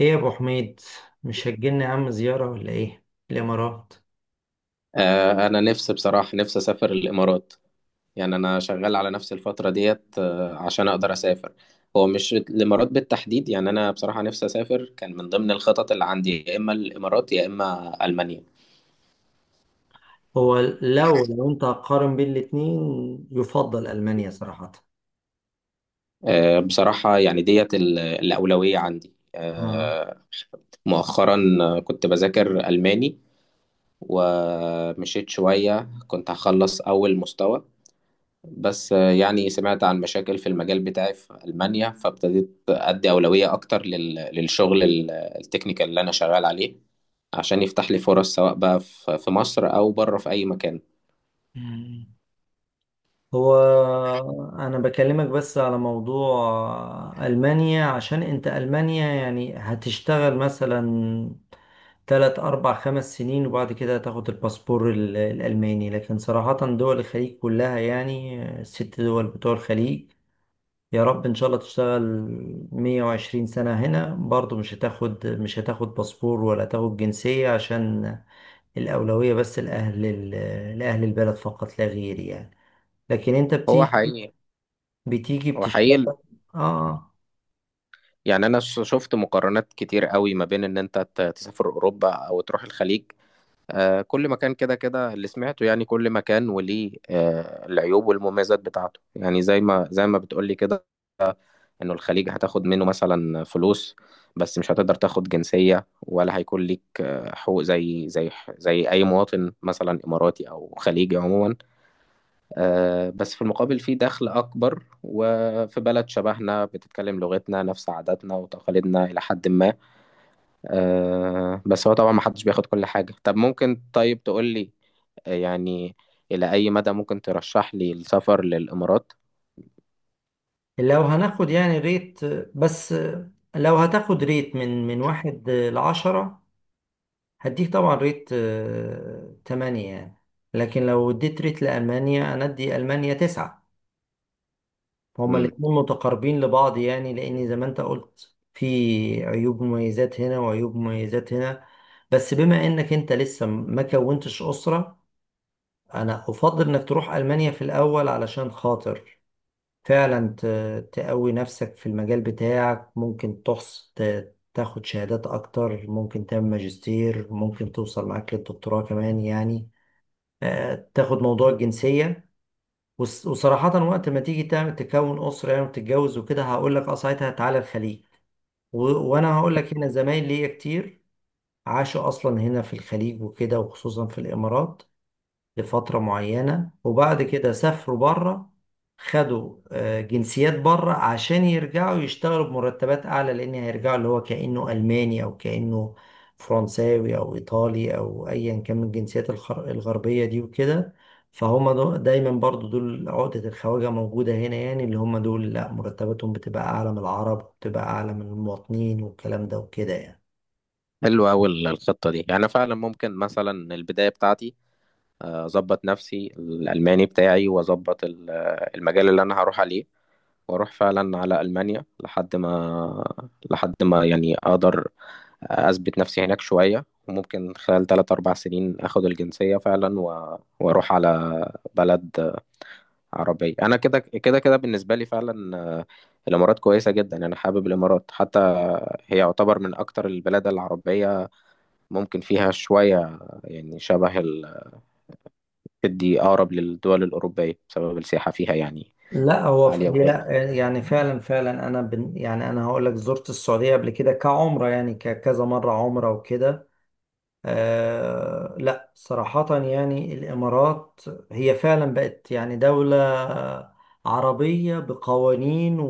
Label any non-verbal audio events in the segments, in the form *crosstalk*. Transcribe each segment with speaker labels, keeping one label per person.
Speaker 1: ايه يا ابو حميد؟ مش هتجيلنا يا عم زيارة ولا ايه؟ الامارات.
Speaker 2: آه، انا نفسي بصراحه نفسي اسافر الامارات. يعني انا شغال على نفس الفتره ديت عشان اقدر اسافر. هو مش الامارات بالتحديد، يعني انا بصراحه نفسي اسافر، كان من ضمن الخطط اللي عندي يا اما الامارات يا اما المانيا.
Speaker 1: هو لو انت هتقارن بين الاتنين يفضل المانيا صراحة.
Speaker 2: آه، بصراحه يعني ديت الاولويه عندي
Speaker 1: آه.
Speaker 2: آه، مؤخرا كنت بذاكر الماني، ومشيت شويه كنت هخلص اول مستوى. بس يعني سمعت عن مشاكل في المجال بتاعي في ألمانيا، فابتديت أدي أولوية أكتر للشغل التكنيكال اللي أنا شغال عليه، عشان يفتح لي فرص سواء بقى في مصر أو بره في أي مكان.
Speaker 1: مم. هو انا بكلمك بس على موضوع المانيا، عشان انت المانيا يعني هتشتغل مثلا 3 4 5 سنين وبعد كده هتاخد الباسبور الالماني، لكن صراحة دول الخليج كلها يعني الست دول بتوع الخليج، يا رب ان شاء الله تشتغل 120 سنة هنا برضو مش هتاخد باسبور ولا هتاخد جنسية، عشان الأولوية بس لأهل البلد فقط لا غير يعني. لكن انت
Speaker 2: هو
Speaker 1: بتيجي
Speaker 2: حقيقي،
Speaker 1: بتيجي
Speaker 2: هو حقيقي ال-
Speaker 1: بتشتغل. اه.
Speaker 2: يعني أنا شفت مقارنات كتير قوي ما بين إن أنت تسافر أوروبا أو تروح الخليج. كل مكان كده كده اللي سمعته، يعني كل مكان وليه العيوب والمميزات بتاعته، يعني زي ما بتقولي كده. انه الخليج هتاخد منه مثلا فلوس، بس مش هتقدر تاخد جنسية ولا هيكون ليك حقوق زي اي مواطن مثلا اماراتي او خليجي عموما. بس في المقابل في دخل اكبر، وفي بلد شبهنا بتتكلم لغتنا، نفس عاداتنا وتقاليدنا الى حد ما. بس هو طبعا محدش بياخد كل حاجة. طب ممكن طيب تقول لي يعني الى اي مدى ممكن ترشح لي السفر للامارات؟
Speaker 1: لو هناخد يعني ريت، بس لو هتاخد ريت من واحد لعشرة، هديك طبعا ريت 8 يعني. لكن لو اديت ريت لألمانيا أنا أدي ألمانيا 9. هما الاتنين متقاربين لبعض يعني، لأن زي ما أنت قلت في عيوب مميزات هنا وعيوب مميزات هنا. بس بما إنك أنت لسه ما كونتش أسرة، أنا أفضل إنك تروح ألمانيا في الأول، علشان خاطر فعلا تقوي نفسك في المجال بتاعك، ممكن تاخد شهادات أكتر، ممكن تعمل ماجستير، ممكن توصل معاك للدكتوراه كمان يعني. تاخد موضوع الجنسية. وصراحة وقت ما تيجي تعمل تكون أسرة يعني وتتجوز وكده، هقول لك أه ساعتها تعالى الخليج. وأنا هقول لك هنا زمايل ليا كتير عاشوا أصلا هنا في الخليج وكده، وخصوصا في الإمارات، لفترة معينة وبعد كده سافروا بره. خدوا جنسيات بره عشان يرجعوا يشتغلوا بمرتبات أعلى، لأن هيرجعوا اللي هو كأنه ألماني أو كأنه فرنساوي أو إيطالي أو أيا كان من الجنسيات الغربية دي وكده. فهم دايما برضو دول عقدة الخواجة موجودة هنا يعني، اللي هم دول لا مرتباتهم بتبقى أعلى من العرب وبتبقى أعلى من المواطنين والكلام ده وكده يعني.
Speaker 2: حلو أوي الخطة دي، يعني فعلا ممكن مثلا البداية بتاعتي أظبط نفسي الألماني بتاعي، وأظبط المجال اللي أنا هروح عليه، وأروح فعلا على ألمانيا لحد ما يعني أقدر أثبت نفسي هناك شوية، وممكن خلال تلات أربع سنين أخد الجنسية فعلا، وأروح على بلد عربية. أنا كده كده كده بالنسبة لي فعلا، الإمارات كويسة جدا، أنا حابب الإمارات. حتى هي يعتبر من أكتر البلاد العربية، ممكن فيها شوية يعني دي أقرب للدول الأوروبية بسبب السياحة فيها يعني
Speaker 1: لا هو
Speaker 2: عالية
Speaker 1: هي
Speaker 2: وكده.
Speaker 1: لا يعني فعلا فعلا انا يعني انا هقول لك زرت السعوديه قبل كده كعمره يعني كذا مره عمره وكده. لا صراحه يعني الامارات هي فعلا بقت يعني دوله عربيه بقوانين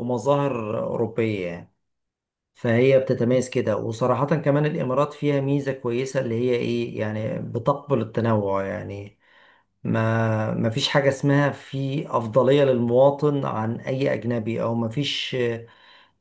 Speaker 1: ومظاهر اوروبيه يعني. فهي بتتميز كده، وصراحه كمان الامارات فيها ميزه كويسه اللي هي ايه يعني، بتقبل التنوع يعني. ما فيش حاجة اسمها في أفضلية للمواطن عن أي أجنبي، أو ما فيش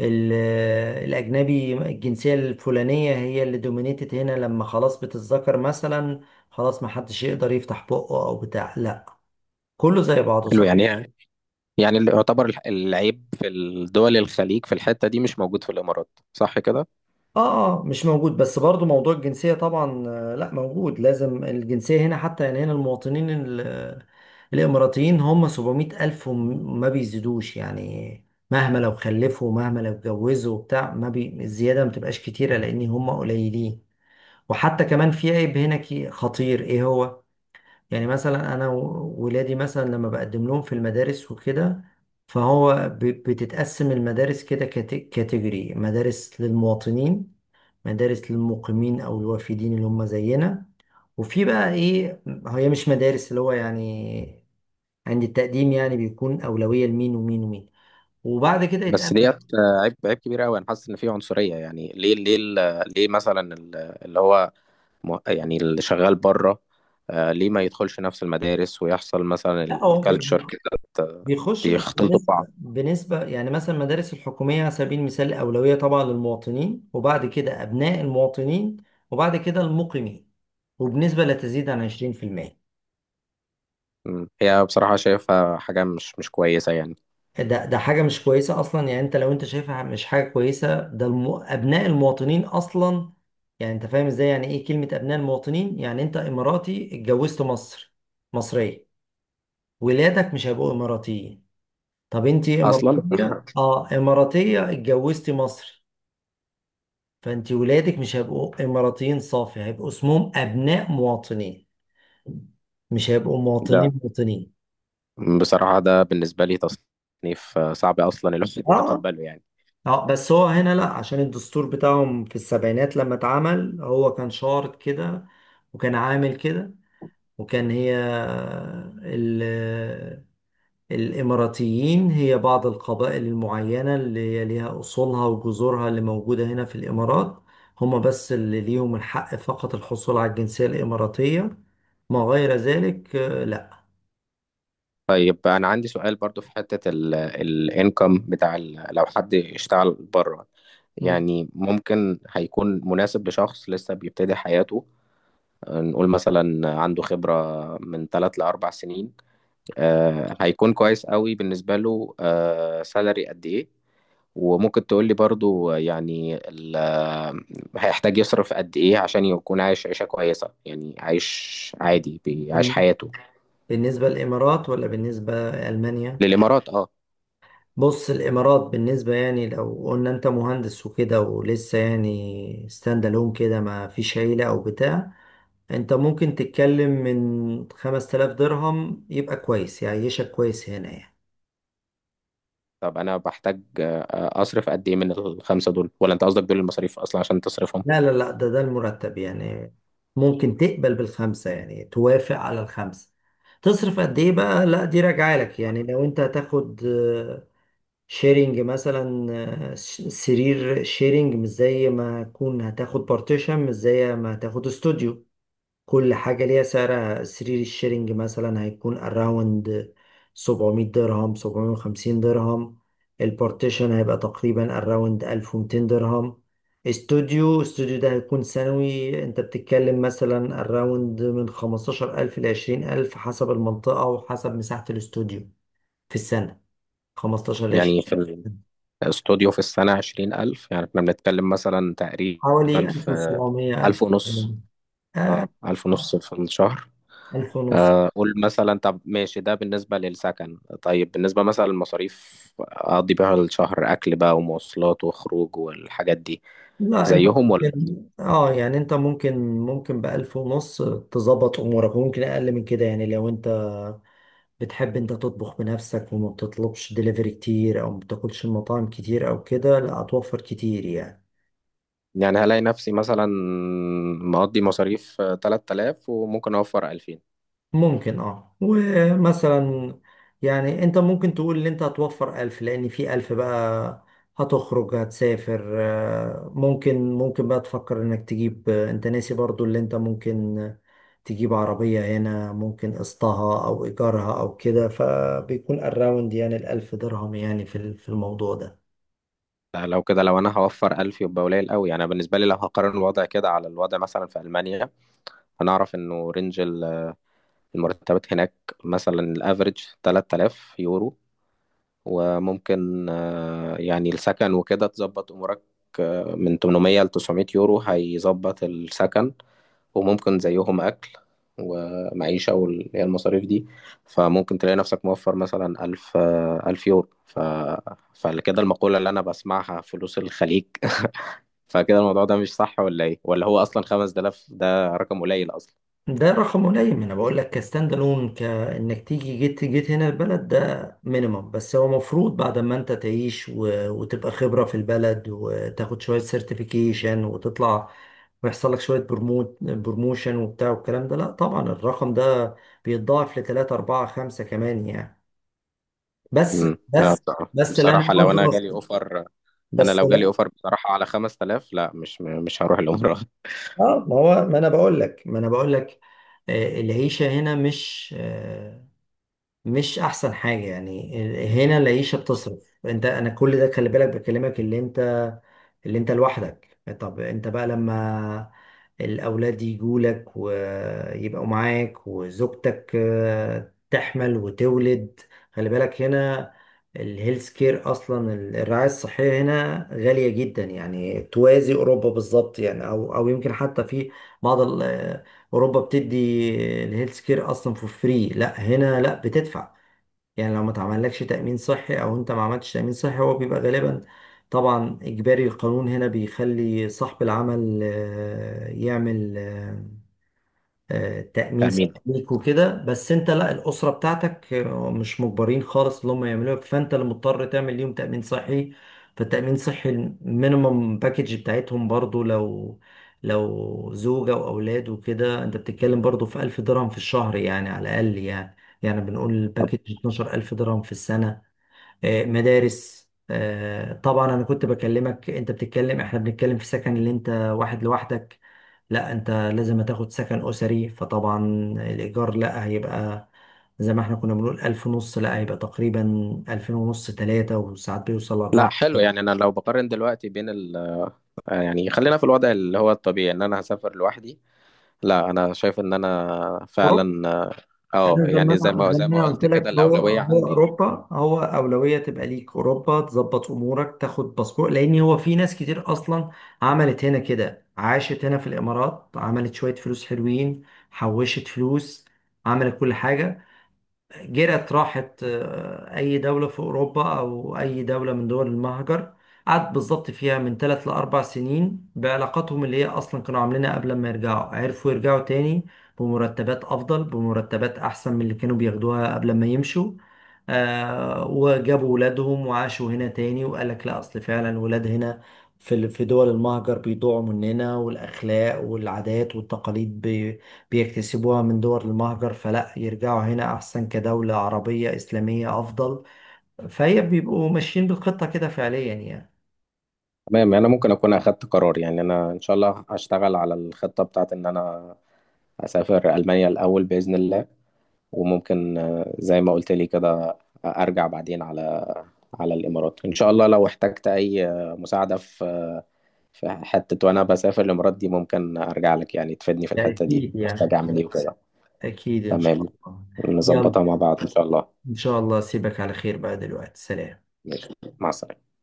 Speaker 1: الأجنبي الجنسية الفلانية هي اللي دومينيتد هنا لما خلاص بتتذكر مثلا، خلاص ما حدش يقدر يفتح بقه أو بتاع، لا كله زي بعضه.
Speaker 2: حلو يعني اللي يعتبر العيب في الدول الخليج في الحتة دي مش موجود في الإمارات، صح كده؟
Speaker 1: اه، اه، مش موجود، بس برضو موضوع الجنسية طبعا لا، موجود، لازم الجنسية هنا حتى يعني. هنا المواطنين الإماراتيين هم 700 ألف وما بيزيدوش يعني، مهما لو خلفوا مهما لو اتجوزوا وبتاع ما بي الزيادة ما بتبقاش كتيرة، لأن هم قليلين. وحتى كمان في عيب هنا خطير، إيه هو؟ يعني مثلا أنا ولادي مثلا لما بقدم لهم في المدارس وكده، فهو بتتقسم المدارس كده كاتيجوري، مدارس للمواطنين، مدارس للمقيمين او الوافدين اللي هم زينا. وفي بقى ايه هي مش مدارس اللي هو يعني، عند التقديم يعني بيكون اولويه لمين ومين ومين وبعد كده
Speaker 2: بس
Speaker 1: يتقابل.
Speaker 2: ديت عيب كبير قوي، أنا حاسس إن في عنصرية. يعني ليه مثلا اللي هو يعني اللي شغال بره ليه ما يدخلش نفس المدارس، ويحصل مثلا
Speaker 1: لا هو
Speaker 2: الكالتشر كده ت-
Speaker 1: بيخش بس
Speaker 2: يختلطوا
Speaker 1: بنسبه
Speaker 2: ببعض؟
Speaker 1: بنسبه يعني مثلا المدارس الحكوميه على سبيل المثال، اولويه طبعا للمواطنين، وبعد كده ابناء المواطنين، وبعد كده المقيمين، وبنسبه لا تزيد عن 20%.
Speaker 2: مم. هي بصراحة شايفها حاجة مش كويسة يعني.
Speaker 1: ده حاجة مش كويسة أصلا يعني. أنت لو أنت شايفها مش حاجة كويسة، ده أبناء المواطنين أصلا. يعني أنت فاهم إزاي يعني إيه كلمة أبناء المواطنين؟ يعني أنت إماراتي اتجوزت مصر، مصرية، ولادك مش هيبقوا إماراتيين. طب أنت
Speaker 2: أصلا
Speaker 1: إماراتية،
Speaker 2: *laughs*
Speaker 1: أه إماراتية اتجوزتي مصري، فأنت ولادك مش هيبقوا إماراتيين صافي، هيبقوا اسمهم أبناء مواطنين، مش هيبقوا
Speaker 2: لا،
Speaker 1: مواطنين مواطنين.
Speaker 2: بصراحة ده بالنسبة لي تصنيف صعب أصلا الواحد *laughs*
Speaker 1: اه،
Speaker 2: يتقبله يعني.
Speaker 1: اه، بس هو هنا لا عشان الدستور بتاعهم في السبعينات لما اتعمل هو كان شارط كده، وكان عامل كده، وكان هي ال الإماراتيين هي بعض القبائل المعينة اللي هي ليها أصولها وجذورها اللي موجودة هنا في الإمارات، هما بس اللي ليهم الحق فقط الحصول على الجنسية الإماراتية. ما غير ذلك لا.
Speaker 2: طيب أنا عندي سؤال برضو، في حتة الانكم بتاع لو حد اشتغل بره
Speaker 1: مم.
Speaker 2: يعني ممكن هيكون مناسب لشخص لسه بيبتدي حياته. نقول مثلا عنده خبرة من ثلاث لأربع سنين، هيكون كويس قوي بالنسبة له سالري قد إيه؟ وممكن تقول لي برضو يعني هيحتاج يصرف قد إيه عشان يكون عايش عيشة كويسة، يعني عايش عادي بيعيش حياته.
Speaker 1: بالنسبة للإمارات ولا بالنسبة لألمانيا؟
Speaker 2: للإمارات اه.
Speaker 1: بص الامارات بالنسبه يعني، لو قلنا انت مهندس وكده ولسه يعني ستاند الون كده ما فيش عيله او بتاع، انت ممكن تتكلم من 5000 درهم، يبقى كويس يعيشك كويس هنا يعني.
Speaker 2: طب أنا بحتاج أصرف قد إيه من الخمسة دول؟ ولا أنت قصدك دول المصاريف أصلا عشان تصرفهم؟
Speaker 1: لا، لا، لا، ده المرتب يعني. ممكن تقبل بالخمسه يعني، توافق على الخمسه. تصرف قد ايه بقى لا دي راجعه لك يعني. لو انت هتاخد شيرنج مثلا، سرير شيرنج مش زي ما تكون هتاخد بارتيشن مش زي ما هتاخد استوديو. كل حاجة ليها سعرها. سرير الشيرنج مثلا هيكون اراوند 700 درهم، 750 درهم. البارتيشن هيبقى تقريبا اراوند 1200 درهم. استوديو، استوديو ده هيكون سنوي، انت بتتكلم مثلا اراوند من 15000 ل 20000 حسب المنطقة وحسب مساحة الاستوديو في السنة. 15 ل 20،
Speaker 2: يعني في الاستوديو في السنة 20000، يعني إحنا بنتكلم مثلا تقريبا
Speaker 1: حوالي
Speaker 2: في
Speaker 1: 1700، 1000.
Speaker 2: 1500؟
Speaker 1: آه،
Speaker 2: اه، 1500 في الشهر؟
Speaker 1: 1000 ونص.
Speaker 2: قول مثلا. طب ماشي، ده بالنسبة للسكن، طيب بالنسبة مثلا للمصاريف أقضي بيها الشهر، أكل بقى ومواصلات وخروج والحاجات دي
Speaker 1: لا انت
Speaker 2: زيهم ولا؟
Speaker 1: ممكن، اه يعني انت ممكن، ب 1000 ونص تظبط امورك، وممكن اقل من كده يعني. لو انت بتحب انت تطبخ بنفسك وما بتطلبش دليفري كتير او ما بتاكلش المطاعم كتير او كده، لا هتوفر كتير يعني.
Speaker 2: يعني هلاقي نفسي مثلا مقضي مصاريف 3000 وممكن أوفر 2000.
Speaker 1: ممكن اه، ومثلا يعني انت ممكن تقول ان انت هتوفر ألف، لان في ألف بقى هتخرج هتسافر، ممكن بقى تفكر انك تجيب، انت ناسي برضو اللي انت ممكن تجيب عربية هنا ممكن قسطها او ايجارها او كده، فبيكون الراوند يعني الألف درهم يعني في الموضوع ده
Speaker 2: لا، لو كده لو أنا هوفر 1000 يبقى قليل قوي. أنا بالنسبة لي لو هقارن الوضع كده على الوضع مثلا في ألمانيا، هنعرف إنه رينج المرتبات هناك مثلا الأفريج 3000 يورو، وممكن يعني السكن وكده تظبط امورك من 800 ل 900 يورو هيظبط السكن، وممكن زيهم اكل ومعيشة واللي هي المصاريف دي. فممكن تلاقي نفسك موفر مثلا ألف يورو. فكده المقولة اللي أنا بسمعها فلوس الخليج. *laughs* فكده الموضوع ده مش صح ولا إيه؟ ولا هو أصلا 5000 ده رقم قليل أصلا؟
Speaker 1: ده رقم قليل، ما انا بقول لك كستاند الون، كانك تيجي جيت هنا البلد ده مينيمم. بس هو مفروض بعد ما انت تعيش وتبقى خبرة في البلد، وتاخد شوية سيرتيفيكيشن، وتطلع ويحصل لك شوية برموت، بروموشن وبتاع والكلام ده، لا طبعا الرقم ده بيتضاعف لتلاتة أربعة خمسة كمان يعني. بس بس
Speaker 2: بصراحة،
Speaker 1: بس اللي انا
Speaker 2: بصراحة لو
Speaker 1: عاوز
Speaker 2: أنا جالي
Speaker 1: اوصل،
Speaker 2: أوفر. أنا
Speaker 1: بس
Speaker 2: لو جالي
Speaker 1: لا
Speaker 2: أوفر بصراحة على 5000، لا مش هروح العمرة.
Speaker 1: اه، ما هو ما انا بقول لك. العيشة هنا مش مش احسن حاجه يعني. هنا العيشه بتصرف، انت انا كل ده خلي بالك بكلمك اللي انت، اللي انت لوحدك. طب انت بقى لما الاولاد يجوا لك ويبقوا معاك وزوجتك تحمل وتولد، خلي بالك هنا الهيلث كير اصلا، الرعايه الصحيه هنا غاليه جدا يعني، توازي اوروبا بالظبط يعني، او يمكن حتى في بعض اوروبا بتدي الهيلث كير اصلا فور فري. لا هنا لا بتدفع يعني، لو ما تعملكش تامين صحي او انت ما عملتش تامين صحي هو بيبقى غالبا طبعا اجباري. القانون هنا بيخلي صاحب العمل يعمل تأمين
Speaker 2: امين.
Speaker 1: صحيك وكده، بس انت لا، الأسرة بتاعتك مش مجبرين خالص اللي هم يعملوها، فانت اللي مضطر تعمل ليهم تأمين صحي. فالتأمين صحي المينيمم باكج بتاعتهم برضو، لو زوجة وأولاد وكده، انت بتتكلم برضو في 1000 درهم في الشهر يعني على الأقل يعني. يعني بنقول الباكج 12 ألف درهم في السنة. مدارس طبعا. أنا كنت بكلمك أنت بتتكلم، إحنا بنتكلم في سكن اللي أنت واحد لوحدك، لا انت لازم تاخد سكن اسري، فطبعا الايجار لا هيبقى زي ما احنا كنا بنقول 1500، لا هيبقى تقريبا 2500 تلاتة وساعات بيوصل
Speaker 2: لا
Speaker 1: لاربعة.
Speaker 2: حلو، يعني انا لو بقارن دلوقتي بين ال آه، يعني خلينا في الوضع اللي هو الطبيعي ان انا هسافر لوحدي، لا انا شايف ان انا
Speaker 1: اوروبا.
Speaker 2: فعلا اه. آه،
Speaker 1: انا زي ما
Speaker 2: يعني زي
Speaker 1: انا
Speaker 2: ما
Speaker 1: زي ما
Speaker 2: زي ما
Speaker 1: انا قلت
Speaker 2: قلت كده
Speaker 1: لك، هو
Speaker 2: الاولويه
Speaker 1: هو
Speaker 2: عندي.
Speaker 1: اوروبا هو اولوية تبقى ليك اوروبا، تظبط امورك تاخد باسبور. لان هو في ناس كتير اصلا عملت هنا كده، عاشت هنا في الامارات، عملت شوية فلوس حلوين، حوشت فلوس، عملت كل حاجة، جرت راحت أي دولة في أوروبا أو أي دولة من دول المهجر، قعدت بالظبط فيها من 3 ل4 سنين. بعلاقاتهم اللي هي أصلا كانوا عاملينها قبل ما يرجعوا، عرفوا يرجعوا تاني بمرتبات أفضل، بمرتبات أحسن من اللي كانوا بياخدوها قبل ما يمشوا. وجابوا ولادهم وعاشوا هنا تاني، وقال لك لا أصل فعلا ولاد هنا في دول المهجر بيضيعوا مننا، والأخلاق والعادات والتقاليد بيكتسبوها من دول المهجر، فلا يرجعوا هنا أحسن كدولة عربية إسلامية أفضل. فهي بيبقوا ماشيين بالخطة كده فعليا يعني.
Speaker 2: تمام، يعني انا ممكن اكون اخدت قرار، يعني انا ان شاء الله هشتغل على الخطه بتاعت ان انا اسافر المانيا الاول باذن الله. وممكن زي ما قلت لي كده ارجع بعدين على الامارات ان شاء الله. لو احتجت اي مساعده في فحتة وأنا بسافر الإمارات دي، ممكن أرجع لك يعني تفيدني في
Speaker 1: ده
Speaker 2: الحتة دي
Speaker 1: أكيد
Speaker 2: محتاج
Speaker 1: يعني،
Speaker 2: أعمل إيه
Speaker 1: ده
Speaker 2: وكده.
Speaker 1: أكيد إن شاء
Speaker 2: تمام،
Speaker 1: الله. يلا،
Speaker 2: نظبطها مع بعض إن شاء الله.
Speaker 1: إن شاء الله أسيبك على خير بقى دلوقتي، سلام.
Speaker 2: ماشي، مع السلامة.